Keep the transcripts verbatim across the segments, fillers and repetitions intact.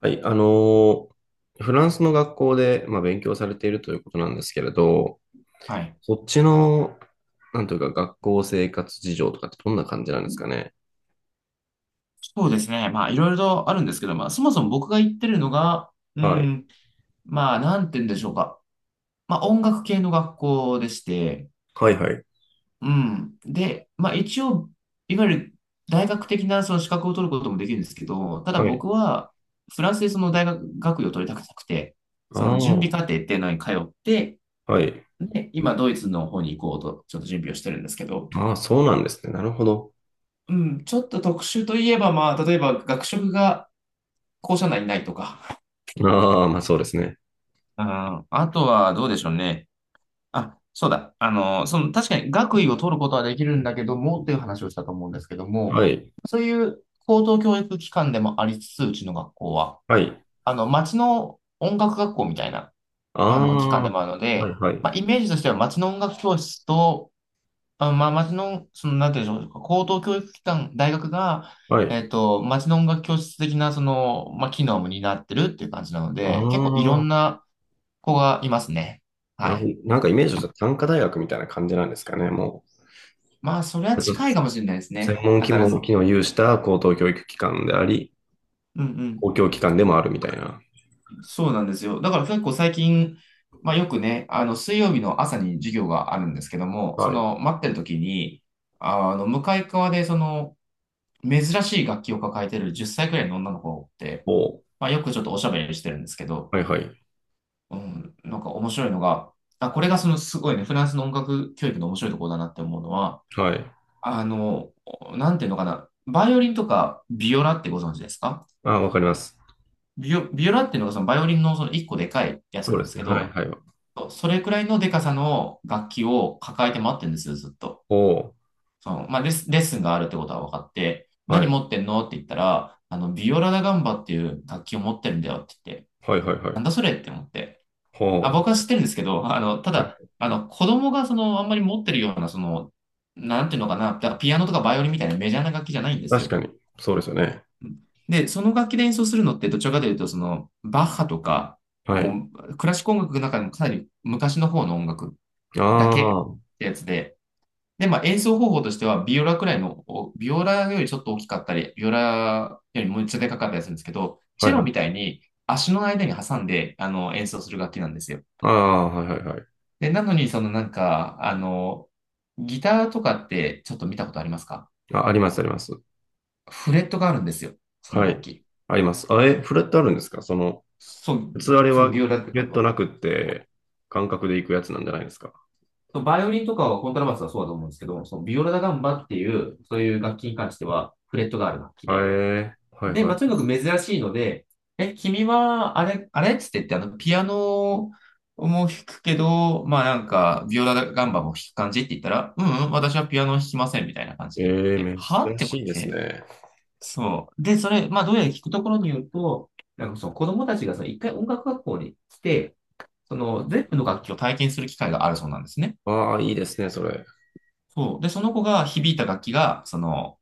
はい、あのーフランスの学校で、まあ、勉強されているということなんですけれど、はい。そっちの、なんというか、学校生活事情とかってどんな感じなんですかね。そうですね。まあ、いろいろとあるんですけど、まあ、そもそも僕が行ってるのが、うはい。ん、まあ、なんて言うんでしょうか。まあ、音楽系の学校でして、はいはい。うん。で、まあ、一応、いわゆる大学的なその資格を取ることもできるんですけど、ただはい。僕は、フランスでその大学学位を取りたくなくて、あその準備課あ、程っていうのに通って、はい。で、今、ドイツの方に行こうと、ちょっと準備をしてるんですけど、ああ、そうなんですね。なるほど。うん、ちょっと特殊といえば、まあ、例えば学食が校舎内にないとか、ああ、まあそうですね。あー、あとはどうでしょうね。あ、そうだ。あの、その、確かに学位を取ることはできるんだけどもっていう話をしたと思うんですけども、はい。そういう高等教育機関でもありつつ、うちの学校は、はい。あの、町の音楽学校みたいな、ああの、機関あ、はでいもあるので、はい。まあ、イメージとしては町の音楽教室と、あ、まあ、町の、その、なんていうんでしょう、高等教育機関、大学が、はい。えっと、町の音楽教室的な、その、まあ、機能も担ってるっていう感じなのあで、結構いろんあ、な、子がいますね。なるはほど。い。なんかイメージとしては短科大学みたいな感じなんですかね。もまあ、それは近いかもしれないですう、専ね。門機新能し、機能を有した高等教育機関であり、うんうん。公共機関でもあるみたいな。そうなんですよ。だから結構最近、まあよくね、あの、水曜日の朝に授業があるんですけども、そはい。の、待ってる時に、あの、向かい側で、その、珍しい楽器を抱えてるじゅっさいくらいの女の子って、おうまあよくちょっとおしゃべりしてるんですけど、はいはい。うん、なんか面白いのが、あ、これがそのすごいね、フランスの音楽教育の面白いところだなって思うのは、はい。あの、なんていうのかな。バイオリンとかビオラってご存知ですか？あ、わかります。ビオ、ビオラっていうのがそのバイオリンのその一個でかいやつそうなんでですすね。けはいど、はい。それくらいのでかさの楽器を抱えて待ってるんですよ、ずっと。おうその、まあ、レッスンレッスンがあるってことは分かって、は何い。持ってんのって言ったら、あの、ビオラダガンバっていう楽器を持ってるんだよって言って、はいはいはなんい。だそれって思って。あ、ほう。僕は知ってるんですけど、あの、たはだ、いあの、子供がその、あんまり持ってるような、その、なんていうのかな、だからピアノとかバイオリンみたいなメジャーな楽器じゃないんです確よ。かに。そうですよね。で、その楽器で演奏するのってどちらかというと、その、バッハとか、はい。もう、クラシック音楽の中でもかなり昔の方の音楽あだけあ、っはてやつで、で、まあ演奏方法としては、ビオラくらいの、おビオラよりちょっと大きかったり、ビオラよりもうちょっとでかかったりするんですけど、いチはェロみたい。いに足の間に挟んで、あの、演奏する楽器なんですよ。ああ、はいはいはい。で、なのに、そのなんか、あの、ギターとかってちょっと見たことありますか？あ、ありますあります。フレットがあるんですよ、そのは楽い。器。あります。あえ、フレットあるんですかその、そう、普通あれそのはビオラってゲ感ッじトは。なくって、感覚で行くやつなんじゃないですか。バイオリンとかはコントラバスはそうだと思うんですけど、そのビオラダガンバっていう、そういう楽器に関しては、フレットがある楽器はい。えで。え。はいで、まあ、はとにかく珍しいので、え、君は、あれ、あれっつって言って、あの、ピアノも弾くけど、まあなんか、ビオラガンバも弾く感じって言ったら、うん、うん、私はピアノ弾きません、みたいな感じい。で言わええ、れて、はっ珍て思しっいですて。ね。そう。で、それ、まあ、どうやら聞くところによると、なんかその子供たちがさ一回音楽学校に来て、その全部の楽器を体験する機会があるそうなんですね。ああ、いいですね、それ。そう。で、その子が響いた楽器が、その、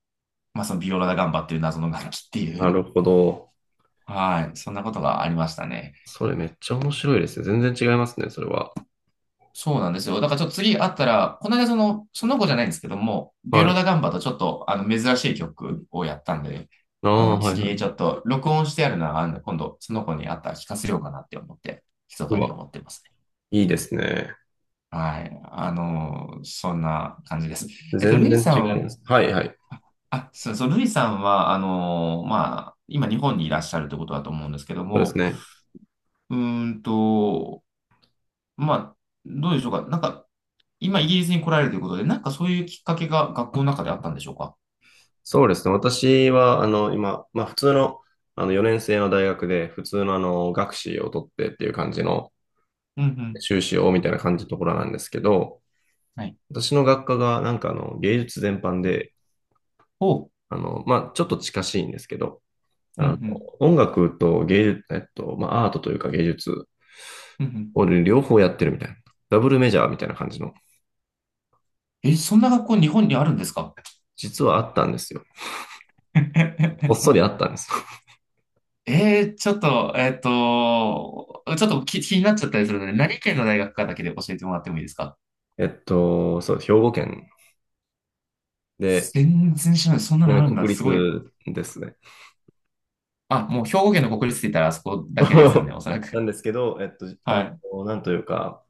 まあ、そのビオラダガンバっていう謎の楽器っていなう。るほど。はい。そんなことがありましたね。それめっちゃ面白いですね。全然違いますね、それは。そうなんですよ。だからちょっと次会ったら、この間その、その子じゃないんですけども、ビオはラい。ダガンバとちょっと、あの、珍しい曲をやったんで、あああ、の、はいは次ちょい。っと録音してあるのは、あの、今度、その子に会ったら聞かせようかなって思って、密うかにわ、思ってますね。いいですね。はい。あの、そんな感じです。えっと、全ルイ然さ違いん、ます。はいはい。あ、そう、そう、ルイさんは、あのーまあ、今日本にいらっしゃるってことだと思うんですけどそうですも、ね。うーんと、まあ、どうでしょうか。なんか、今イギリスに来られるということで、なんかそういうきっかけが学校の中であったんでしょうか。そうですね。私は、あの、今、まあ普通の、あのよねん生の大学で、普通のあの、学士を取ってっていう感じの、うんうん。修士をみたいな感じのところなんですけど、はい。私の学科がなんかあの、芸術全般で、おう。あの、まあちょっと近しいんですけど、うんうあの、ん。音楽と芸術、えっと、まあアートというか芸術うんうん。俺両方やってるみたいな。ダブルメジャーみたいな感じの。え、そんな学校日本にあるんですか？ 実はあったんですよ。こっそり あったんです。えー、ちょっと、えっと、ちょっと気、気になっちゃったりするので、何県の大学かだけで教えてもらってもいいですか？ えっと、そう、兵庫県で、全然知らない。そんなちなのみあにるんだ。国すごい。立ですね。あ、もう兵庫県の国立って言ったらあそこだけですよね、おそらなく。んですけど、えっと、あはい。の、なんというか、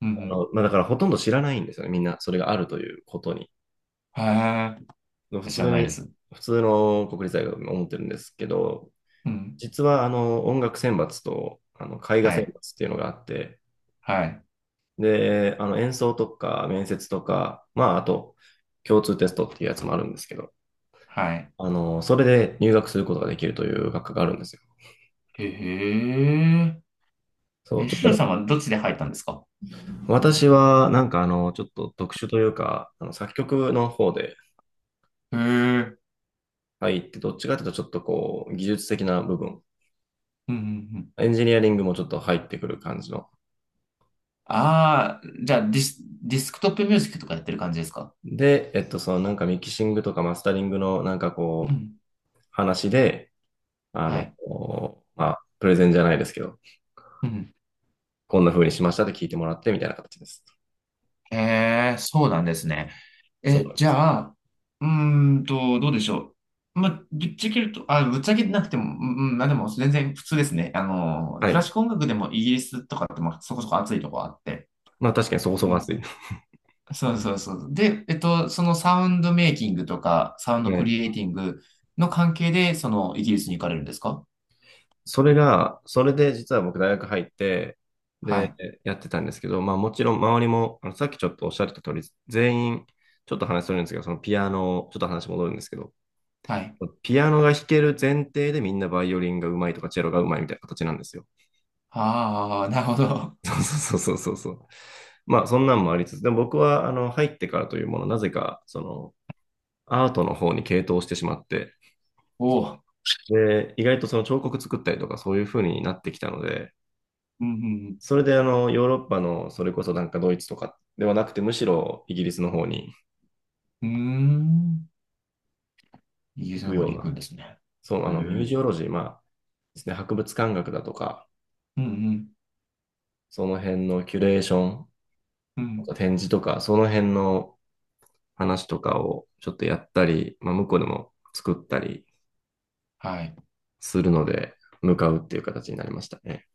うあんの、まあ、だからほとんど知らないんですよね。みんな、それがあるということに。うん。へ普ー。知ら通ないでに、す。普通の国立大学も思ってるんですけど、うん。実はあの、音楽選抜と、あの、絵画は選い。抜っていうのがあって、はい。で、あの演奏とか面接とか、まあ、あと共通テストっていうやつもあるんですけど、はい。あの、それで入学することができるという学科があるんですよ。へえ。そう、え、ちょっシとロね、さんはどっちで入ったんですか？私はなんかあの、ちょっと特殊というか、あの作曲の方でへえ。うん入って、どっちかというとちょっとこう、技術的な部分、うんうん。エンジニアリングもちょっと入ってくる感じの。ああ、じゃあディス、ディスクトップミュージックとかやってる感じですか？で、えっと、そのなんかミキシングとかマスタリングのなんかうこん。う、話で、あはの、い。まあ、プレゼンじゃないですけど、うん。こんな風にしましたって聞いてもらってみたいな形です。へえ、そうなんですね。そうえ、なんじです。ゃあ、うーんと、どうでしょう。まあ、ぶっちゃけると、あ、ぶっちゃけなくても、うん、うんまあでも全然普通ですね。あの、はクラシい。ック音楽でもイギリスとかって、まあ、そこそこ熱いとこあって。まあ確かにそこそうこん。暑い。そうそうそう。で、えっと、そのサウンドメイキングとか、サウンはドクい。リエイティングの関係で、そのイギリスに行かれるんですか？それが、それで実は僕大学入って、はで、い。やってたんですけど、まあもちろん周りも、あのさっきちょっとおっしゃってた通り、全員、ちょっと話するんですけど、そのピアノ、ちょっと話戻るんですけど、はい。ピアノが弾ける前提でみんなバイオリンがうまいとかチェロがうまいみたいな形なんですよ。ああ、なるほど。そうそうそうそうそう。まあそんなんもありつつ、でも僕はあの入ってからというもの、なぜかそのアートの方に傾倒してしまって、おお。で、意外とその彫刻作ったりとかそういう風になってきたので、うん、それであのヨーロッパのそれこそなんかドイツとかではなくて、むしろイギリスの方にうん、うん。うーん。イギリ行スくの方ように行な、くんですね。そう、えあのミューー、ジオロジー、まあですね、博物館学だとか、うん、うん、その辺のキュレーション、うあとん。展示とか、その辺の話とかをちょっとやったり、まあ、向こうでも作ったりはい。するので、向かうっていう形になりましたね。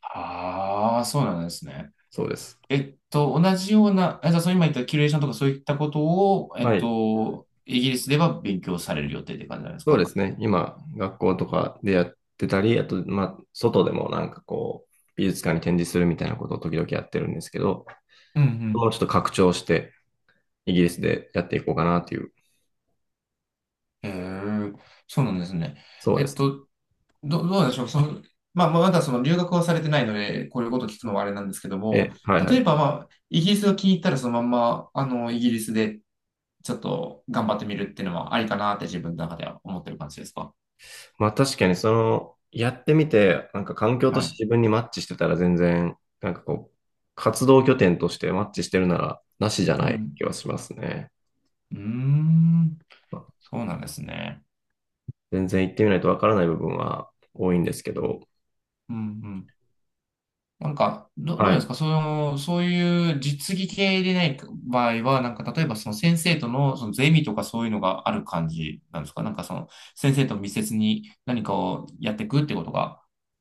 ああ、そうなんですね。そうです。えっと、同じような、あじゃあ、そう今言ったキュレーションとかそういったことを、えっはい。と、イギリスでは勉強される予定って感じなんですそうでか？すね。今、学校とかでやってたり、あと、まあ、外でもなんかこう、美術館に展示するみたいなことを時々やってるんですけど、うんうもん。うちょっと拡張して、イギリスでやっていこうかなという、へえ、そうなんですね。そうえでっす。と、ど、どうなんでしょう。その、まあ、まあまだその留学はされてないので、こういうこと聞くのはあれなんですけども、え、はいは例えい。ば、まあ、イギリスが気に入ったら、そのまんま、あの、イギリスでちょっと頑張ってみるっていうのはありかなって自分の中では思ってる感じですか？まあ確かにその、やってみて、なんか環境とはしい。て自分にマッチしてたら全然、なんかこう、活動拠点としてマッチしてるなら、なしじゃうないん。気はしますね。うーん。そうなんですね。全然行ってみないとわからない部分は多いんですけど、うんうん。なんか、ど、どうはですい。かその、そういう実技系でない場合は、なんか、例えばその先生との、そのゼミとかそういうのがある感じなんですか？なんかその、先生と密接に何かをやっていくってことが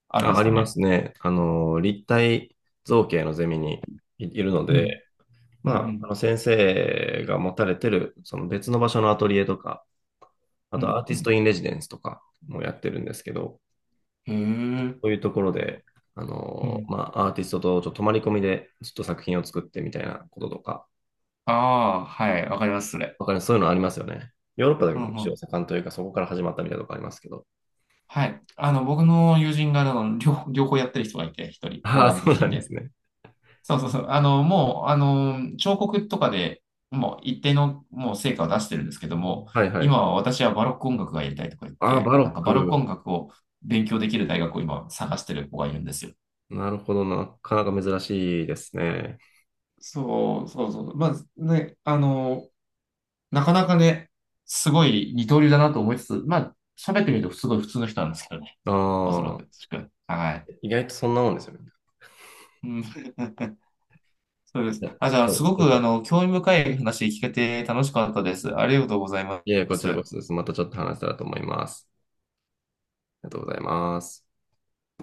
あるんであ、あすりかまね？すね。あの、立体造形のゼミにいいるのうん。で、うまあ、あん、の先生が持たれてる、その別の場所のアトリエとか、あうん、とアーテうィん、うストん。インレジデンスとかもやってるんですけど、へえ。そういうところで、あうの、ん。まあ、アーティストとちょっと泊まり込みでちょっと作品を作ってみたいなこととか、ああ、はい。わかります、それ。わかりますそういうのありますよね。ヨーロッパでうん、もう一応ん。盛んというか、そこから始まったみたいなとこありますけど。はい。あの、僕の友人が、あの、両、両方やってる人がいて、一 人、ポーああ、ランドそうな人んでで。すね。そうそうそう。あの、もう、あの、彫刻とかでもう一定のもう成果を出してるんですけども、はいは今い。は私はバロック音楽がやりたいとか言っああ、て、バロなんッかバロックク。音楽を勉強できる大学を今探してる子がいるんですよ。なるほどな。なかなか珍しいですね。そうそうそう。まあね、あの、なかなかね、すごい二刀流だなと思いつつ、まあ、喋ってみるとすごい普通の人なんですけどね。おそらあく。あ、はい。意外とそんなもんですよね。うん そうです。いやあ、じゃあ、そすうごちょっく、あと、の、興味深い話聞けて楽しかったです。ありがとうございまいえ、こちらこす。そです。またちょっと話せたらと思います。ありがとうございます。